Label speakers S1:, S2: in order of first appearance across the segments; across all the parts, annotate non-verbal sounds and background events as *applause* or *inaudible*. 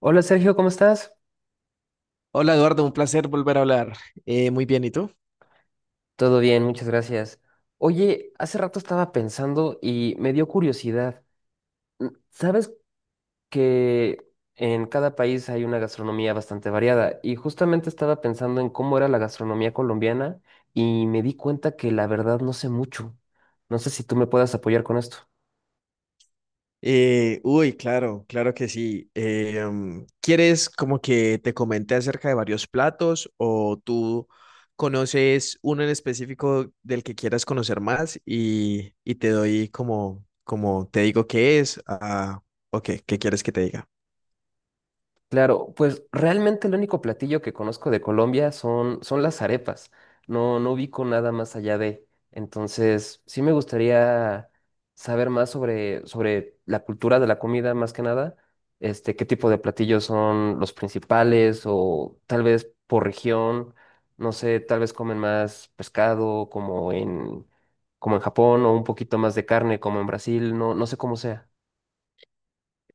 S1: Hola Sergio, ¿cómo estás?
S2: Hola Eduardo, un placer volver a hablar. Muy bien, ¿y tú?
S1: Todo bien, muchas gracias. Oye, hace rato estaba pensando y me dio curiosidad. Mm, ¿sabes que en cada país hay una gastronomía bastante variada? Y justamente estaba pensando en cómo era la gastronomía colombiana y me di cuenta que la verdad no sé mucho. No sé si tú me puedas apoyar con esto.
S2: Uy, claro, claro que sí. ¿Quieres como que te comente acerca de varios platos o tú conoces uno en específico del que quieras conocer más y te doy como, como te digo qué es? Ah, ok, ¿qué quieres que te diga?
S1: Claro, pues realmente el único platillo que conozco de Colombia son las arepas. No, no ubico nada más allá de. Entonces, sí me gustaría saber más sobre la cultura de la comida, más que nada. Este, qué tipo de platillos son los principales, o tal vez por región, no sé, tal vez comen más pescado como en Japón, o un poquito más de carne como en Brasil, no, no sé cómo sea.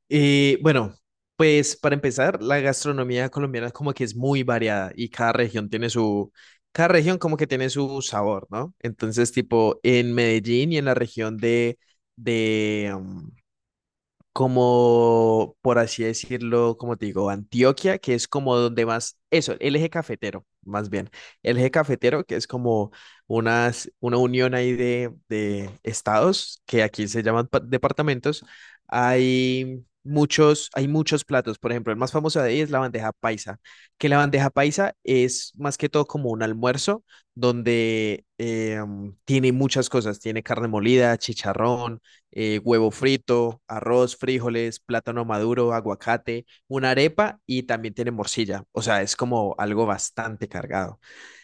S2: Bueno, pues para empezar, la gastronomía colombiana como que es muy variada y cada región como que tiene su sabor, ¿no? Entonces, tipo, en Medellín y en la región de, um, como, por así decirlo, como te digo, Antioquia, que es como donde más, eso, el eje cafetero, más bien, que es como una unión ahí de estados, que aquí se llaman departamentos, hay muchos platos, por ejemplo, el más famoso de ahí es la bandeja paisa, que la bandeja paisa es más que todo como un almuerzo donde tiene muchas cosas, tiene carne molida, chicharrón, huevo frito, arroz, frijoles, plátano maduro, aguacate, una arepa y también tiene morcilla. O sea, es como algo bastante cargado.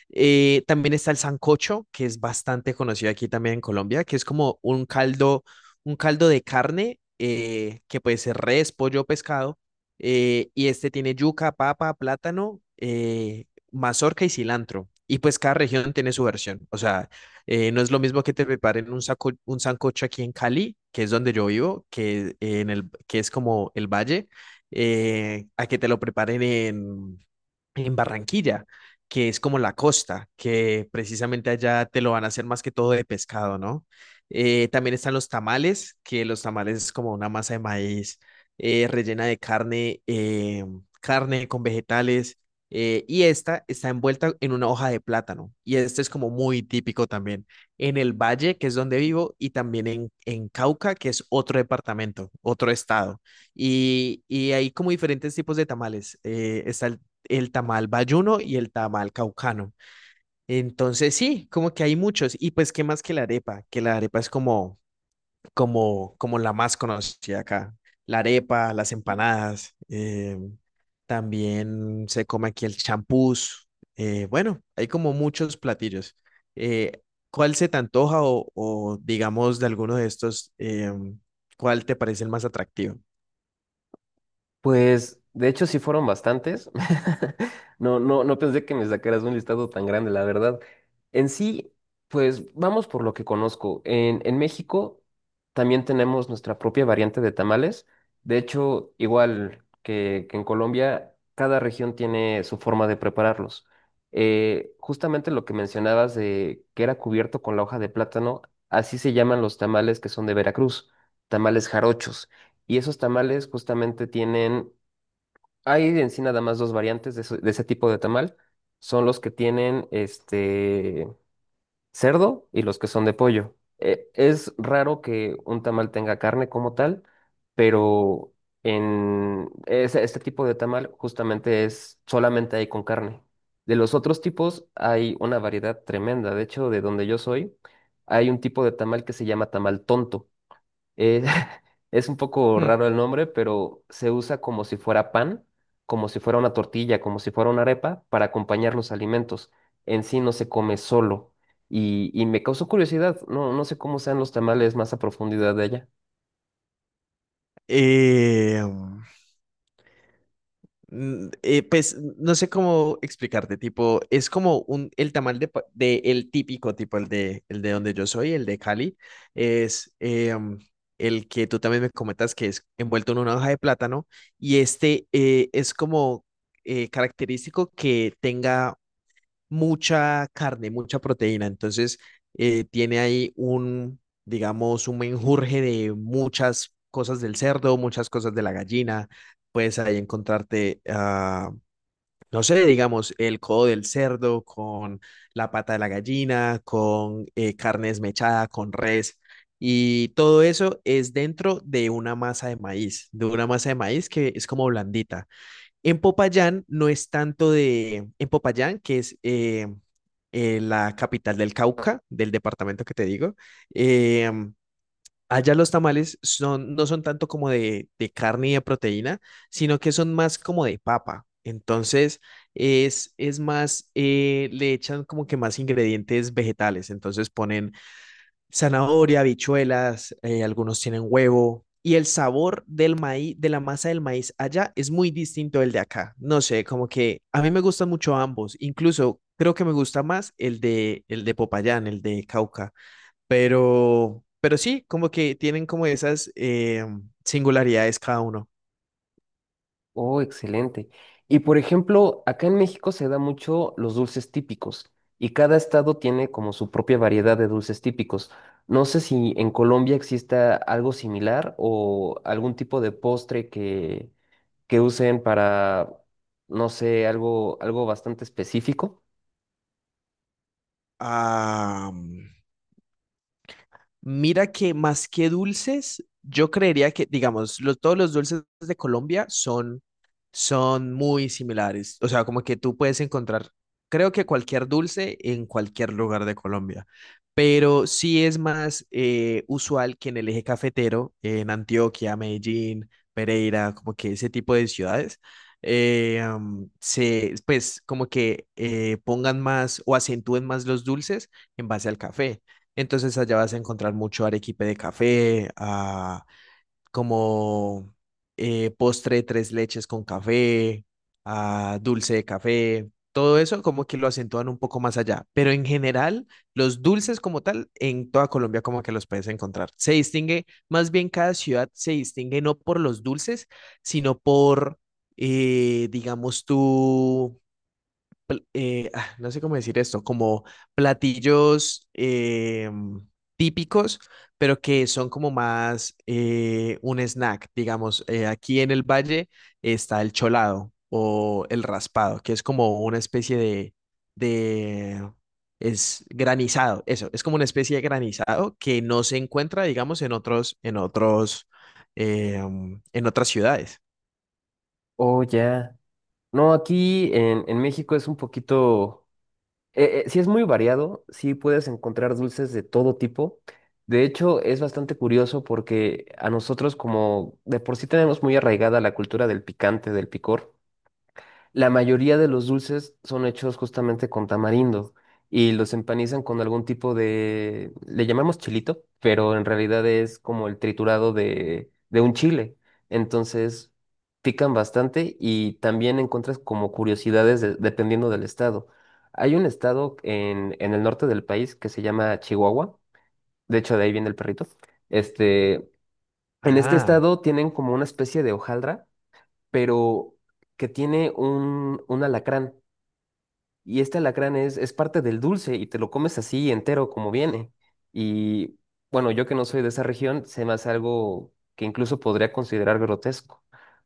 S2: También está el sancocho, que es bastante conocido aquí también en Colombia, que es como un caldo de carne, que puede ser res, pollo, o pescado, y este tiene yuca, papa, plátano, mazorca y cilantro. Y pues cada región tiene su versión. O sea, no es lo mismo que te preparen un sancocho aquí en Cali, que es donde yo vivo, que es como el valle, a que te lo preparen en Barranquilla, que es como la costa, que precisamente allá te lo van a hacer más que todo de pescado, ¿no? También están los tamales, que los tamales es como una masa de maíz rellena de carne, carne con vegetales, y esta está envuelta en una hoja de plátano, y este es como muy típico también en el Valle, que es donde vivo, y también en Cauca, que es otro departamento, otro estado. Y hay como diferentes tipos de tamales. Está el tamal bayuno y el tamal caucano. Entonces, sí, como que hay muchos. Y pues, ¿qué más que la arepa? Que la arepa es como la más conocida acá. La arepa, las empanadas, también se come aquí el champús. Bueno, hay como muchos platillos. Eh, ¿Cuál se te antoja digamos de alguno de estos, cuál te parece el más atractivo?
S1: Pues de hecho sí fueron bastantes. *laughs* No, no, no pensé que me sacaras un listado tan grande, la verdad. En sí, pues vamos por lo que conozco. En México también tenemos nuestra propia variante de tamales. De hecho, igual que en Colombia, cada región tiene su forma de prepararlos. Justamente lo que mencionabas de que era cubierto con la hoja de plátano, así se llaman los tamales que son de Veracruz, tamales jarochos. Y esos tamales justamente tienen, hay en sí nada más dos variantes de, de ese tipo de tamal. Son los que tienen este cerdo y los que son de pollo. Es raro que un tamal tenga carne como tal, pero en este tipo de tamal justamente es solamente hay con carne. De los otros tipos hay una variedad tremenda. De hecho, de donde yo soy, hay un tipo de tamal que se llama tamal tonto, eh, *laughs* es un poco
S2: Hmm.
S1: raro el nombre, pero se usa como si fuera pan, como si fuera una tortilla, como si fuera una arepa para acompañar los alimentos. En sí no se come solo. Y me causó curiosidad, no, no sé cómo sean los tamales más a profundidad de allá.
S2: Eh, pues no sé cómo explicarte, tipo, es como el tamal el típico, tipo, el de donde yo soy, el de Cali, es el que tú también me comentas que es envuelto en una hoja de plátano y este es como característico que tenga mucha carne, mucha proteína. Entonces, tiene ahí un, digamos, un menjurje de muchas cosas del cerdo, muchas cosas de la gallina. Puedes ahí encontrarte, ah, no sé, digamos, el codo del cerdo con la pata de la gallina, con carne desmechada, con res. Y todo eso es dentro de una masa de maíz, de una masa de maíz que es como blandita. En Popayán no es tanto de, En Popayán, que es la capital del Cauca, del departamento que te digo. Eh, Allá los tamales no son tanto como de carne y de proteína, sino que son más como de papa. Entonces es más, le echan como que más ingredientes vegetales. Entonces ponen zanahoria, habichuelas, algunos tienen huevo. Y el sabor del maíz, de la masa del maíz allá es muy distinto del de acá. No sé, como que a mí me gustan mucho ambos. Incluso creo que me gusta más el de Popayán, el de Cauca. Pero sí, como que tienen como esas singularidades cada uno.
S1: Oh, excelente. Y por ejemplo, acá en México se da mucho los dulces típicos y cada estado tiene como su propia variedad de dulces típicos. No sé si en Colombia exista algo similar o algún tipo de postre que usen para, no sé, algo, algo bastante específico.
S2: Ah, mm, Mira que más que dulces, yo creería que, digamos, todos los dulces de Colombia son muy similares. O sea, como que tú puedes encontrar, creo que cualquier dulce en cualquier lugar de Colombia. Pero sí es más usual que en el eje cafetero, en Antioquia, Medellín, Pereira, como que ese tipo de ciudades, pues como que pongan más o acentúen más los dulces en base al café. Entonces allá vas a encontrar mucho arequipe de café, ah, como postre de tres leches con café, ah, dulce de café, todo eso como que lo acentúan un poco más allá. Pero en general, los dulces como tal, en toda Colombia como que los puedes encontrar. Se distingue, más bien cada ciudad se distingue no por los dulces, sino por, digamos tú ah, no sé cómo decir esto, como platillos típicos, pero que son como más un snack, digamos. Aquí en el valle está el cholado o el raspado, que es como una especie de, es granizado, eso, es como una especie de granizado que no se encuentra, digamos, en otras ciudades.
S1: Oh, ya. No, aquí en México es un poquito, sí es muy variado, sí puedes encontrar dulces de todo tipo. De hecho, es bastante curioso porque a nosotros como de por sí tenemos muy arraigada la cultura del picante, del picor. La mayoría de los dulces son hechos justamente con tamarindo y los empanizan con algún tipo de, le llamamos chilito, pero en realidad es como el triturado de un chile. Entonces pican bastante y también encuentras como curiosidades dependiendo del estado. Hay un estado en el norte del país que se llama Chihuahua, de hecho de ahí viene el perrito. Este, en este
S2: Ah,
S1: estado tienen como una especie de hojaldra, pero que tiene un alacrán. Y este alacrán es parte del dulce y te lo comes así entero como viene. Y bueno, yo que no soy de esa región, se me hace algo que incluso podría considerar grotesco.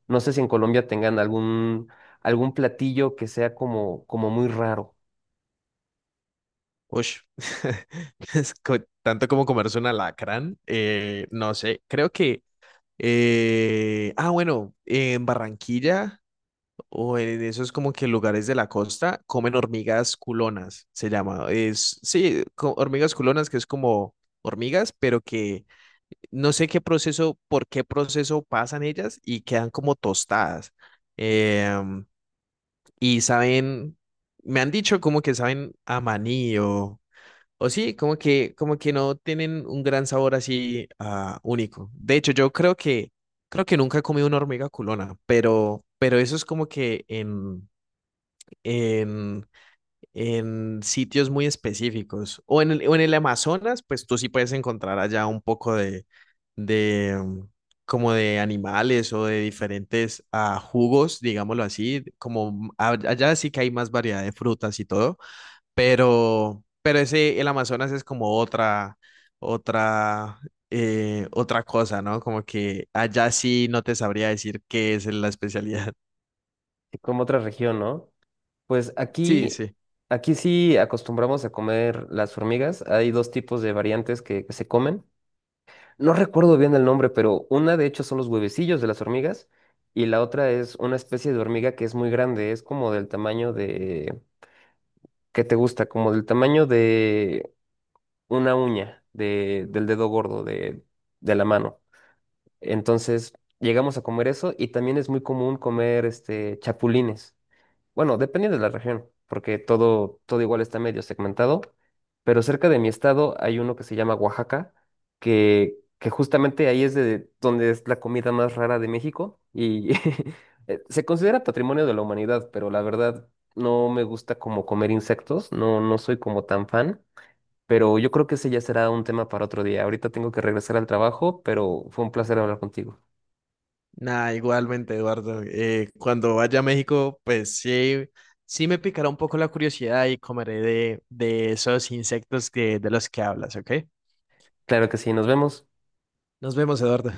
S1: No sé si en Colombia tengan algún, algún platillo que sea como, como muy raro,
S2: Ush. *laughs* Tanto como comerse un alacrán, no sé, creo que, ah, bueno, en Barranquilla o en esos como que lugares de la costa comen hormigas culonas, se llama, sí, hormigas culonas que es como hormigas, pero que no sé qué proceso, por qué proceso pasan ellas y quedan como tostadas. em, y saben, me han dicho como que saben a maní o sí, como que no tienen un gran sabor así único. De hecho, yo creo que, nunca he comido una hormiga culona, pero eso es como que en, en, sitios muy específicos. O en el Amazonas, pues tú sí puedes encontrar allá un poco de como de animales o de diferentes jugos, digámoslo así, como allá sí que hay más variedad de frutas y todo pero ese, el Amazonas es como otra, otra cosa, ¿no? Como que allá sí no te sabría decir qué es la especialidad. *laughs*
S1: como otra región, ¿no? Pues
S2: Sí,
S1: aquí,
S2: sí.
S1: aquí sí acostumbramos a comer las hormigas. Hay dos tipos de variantes que se comen. No recuerdo bien el nombre, pero una de hecho son los huevecillos de las hormigas y la otra es una especie de hormiga que es muy grande, es como del tamaño de, ¿qué te gusta? Como del tamaño de una uña, de, del dedo gordo de la mano. Entonces llegamos a comer eso y también es muy común comer este, chapulines. Bueno, dependiendo de la región, porque todo, todo igual está medio segmentado, pero cerca de mi estado hay uno que se llama Oaxaca, que justamente ahí es de donde es la comida más rara de México y *laughs* se considera patrimonio de la humanidad, pero la verdad no me gusta como comer insectos, no, no soy como tan fan, pero yo creo que ese ya será un tema para otro día. Ahorita tengo que regresar al trabajo, pero fue un placer hablar contigo.
S2: Nada, igualmente, Eduardo. Cuando vaya a México, pues sí, sí me picará un poco la curiosidad y comeré de esos insectos de los que hablas, ¿ok?
S1: Claro que sí, nos vemos.
S2: Nos vemos, Eduardo.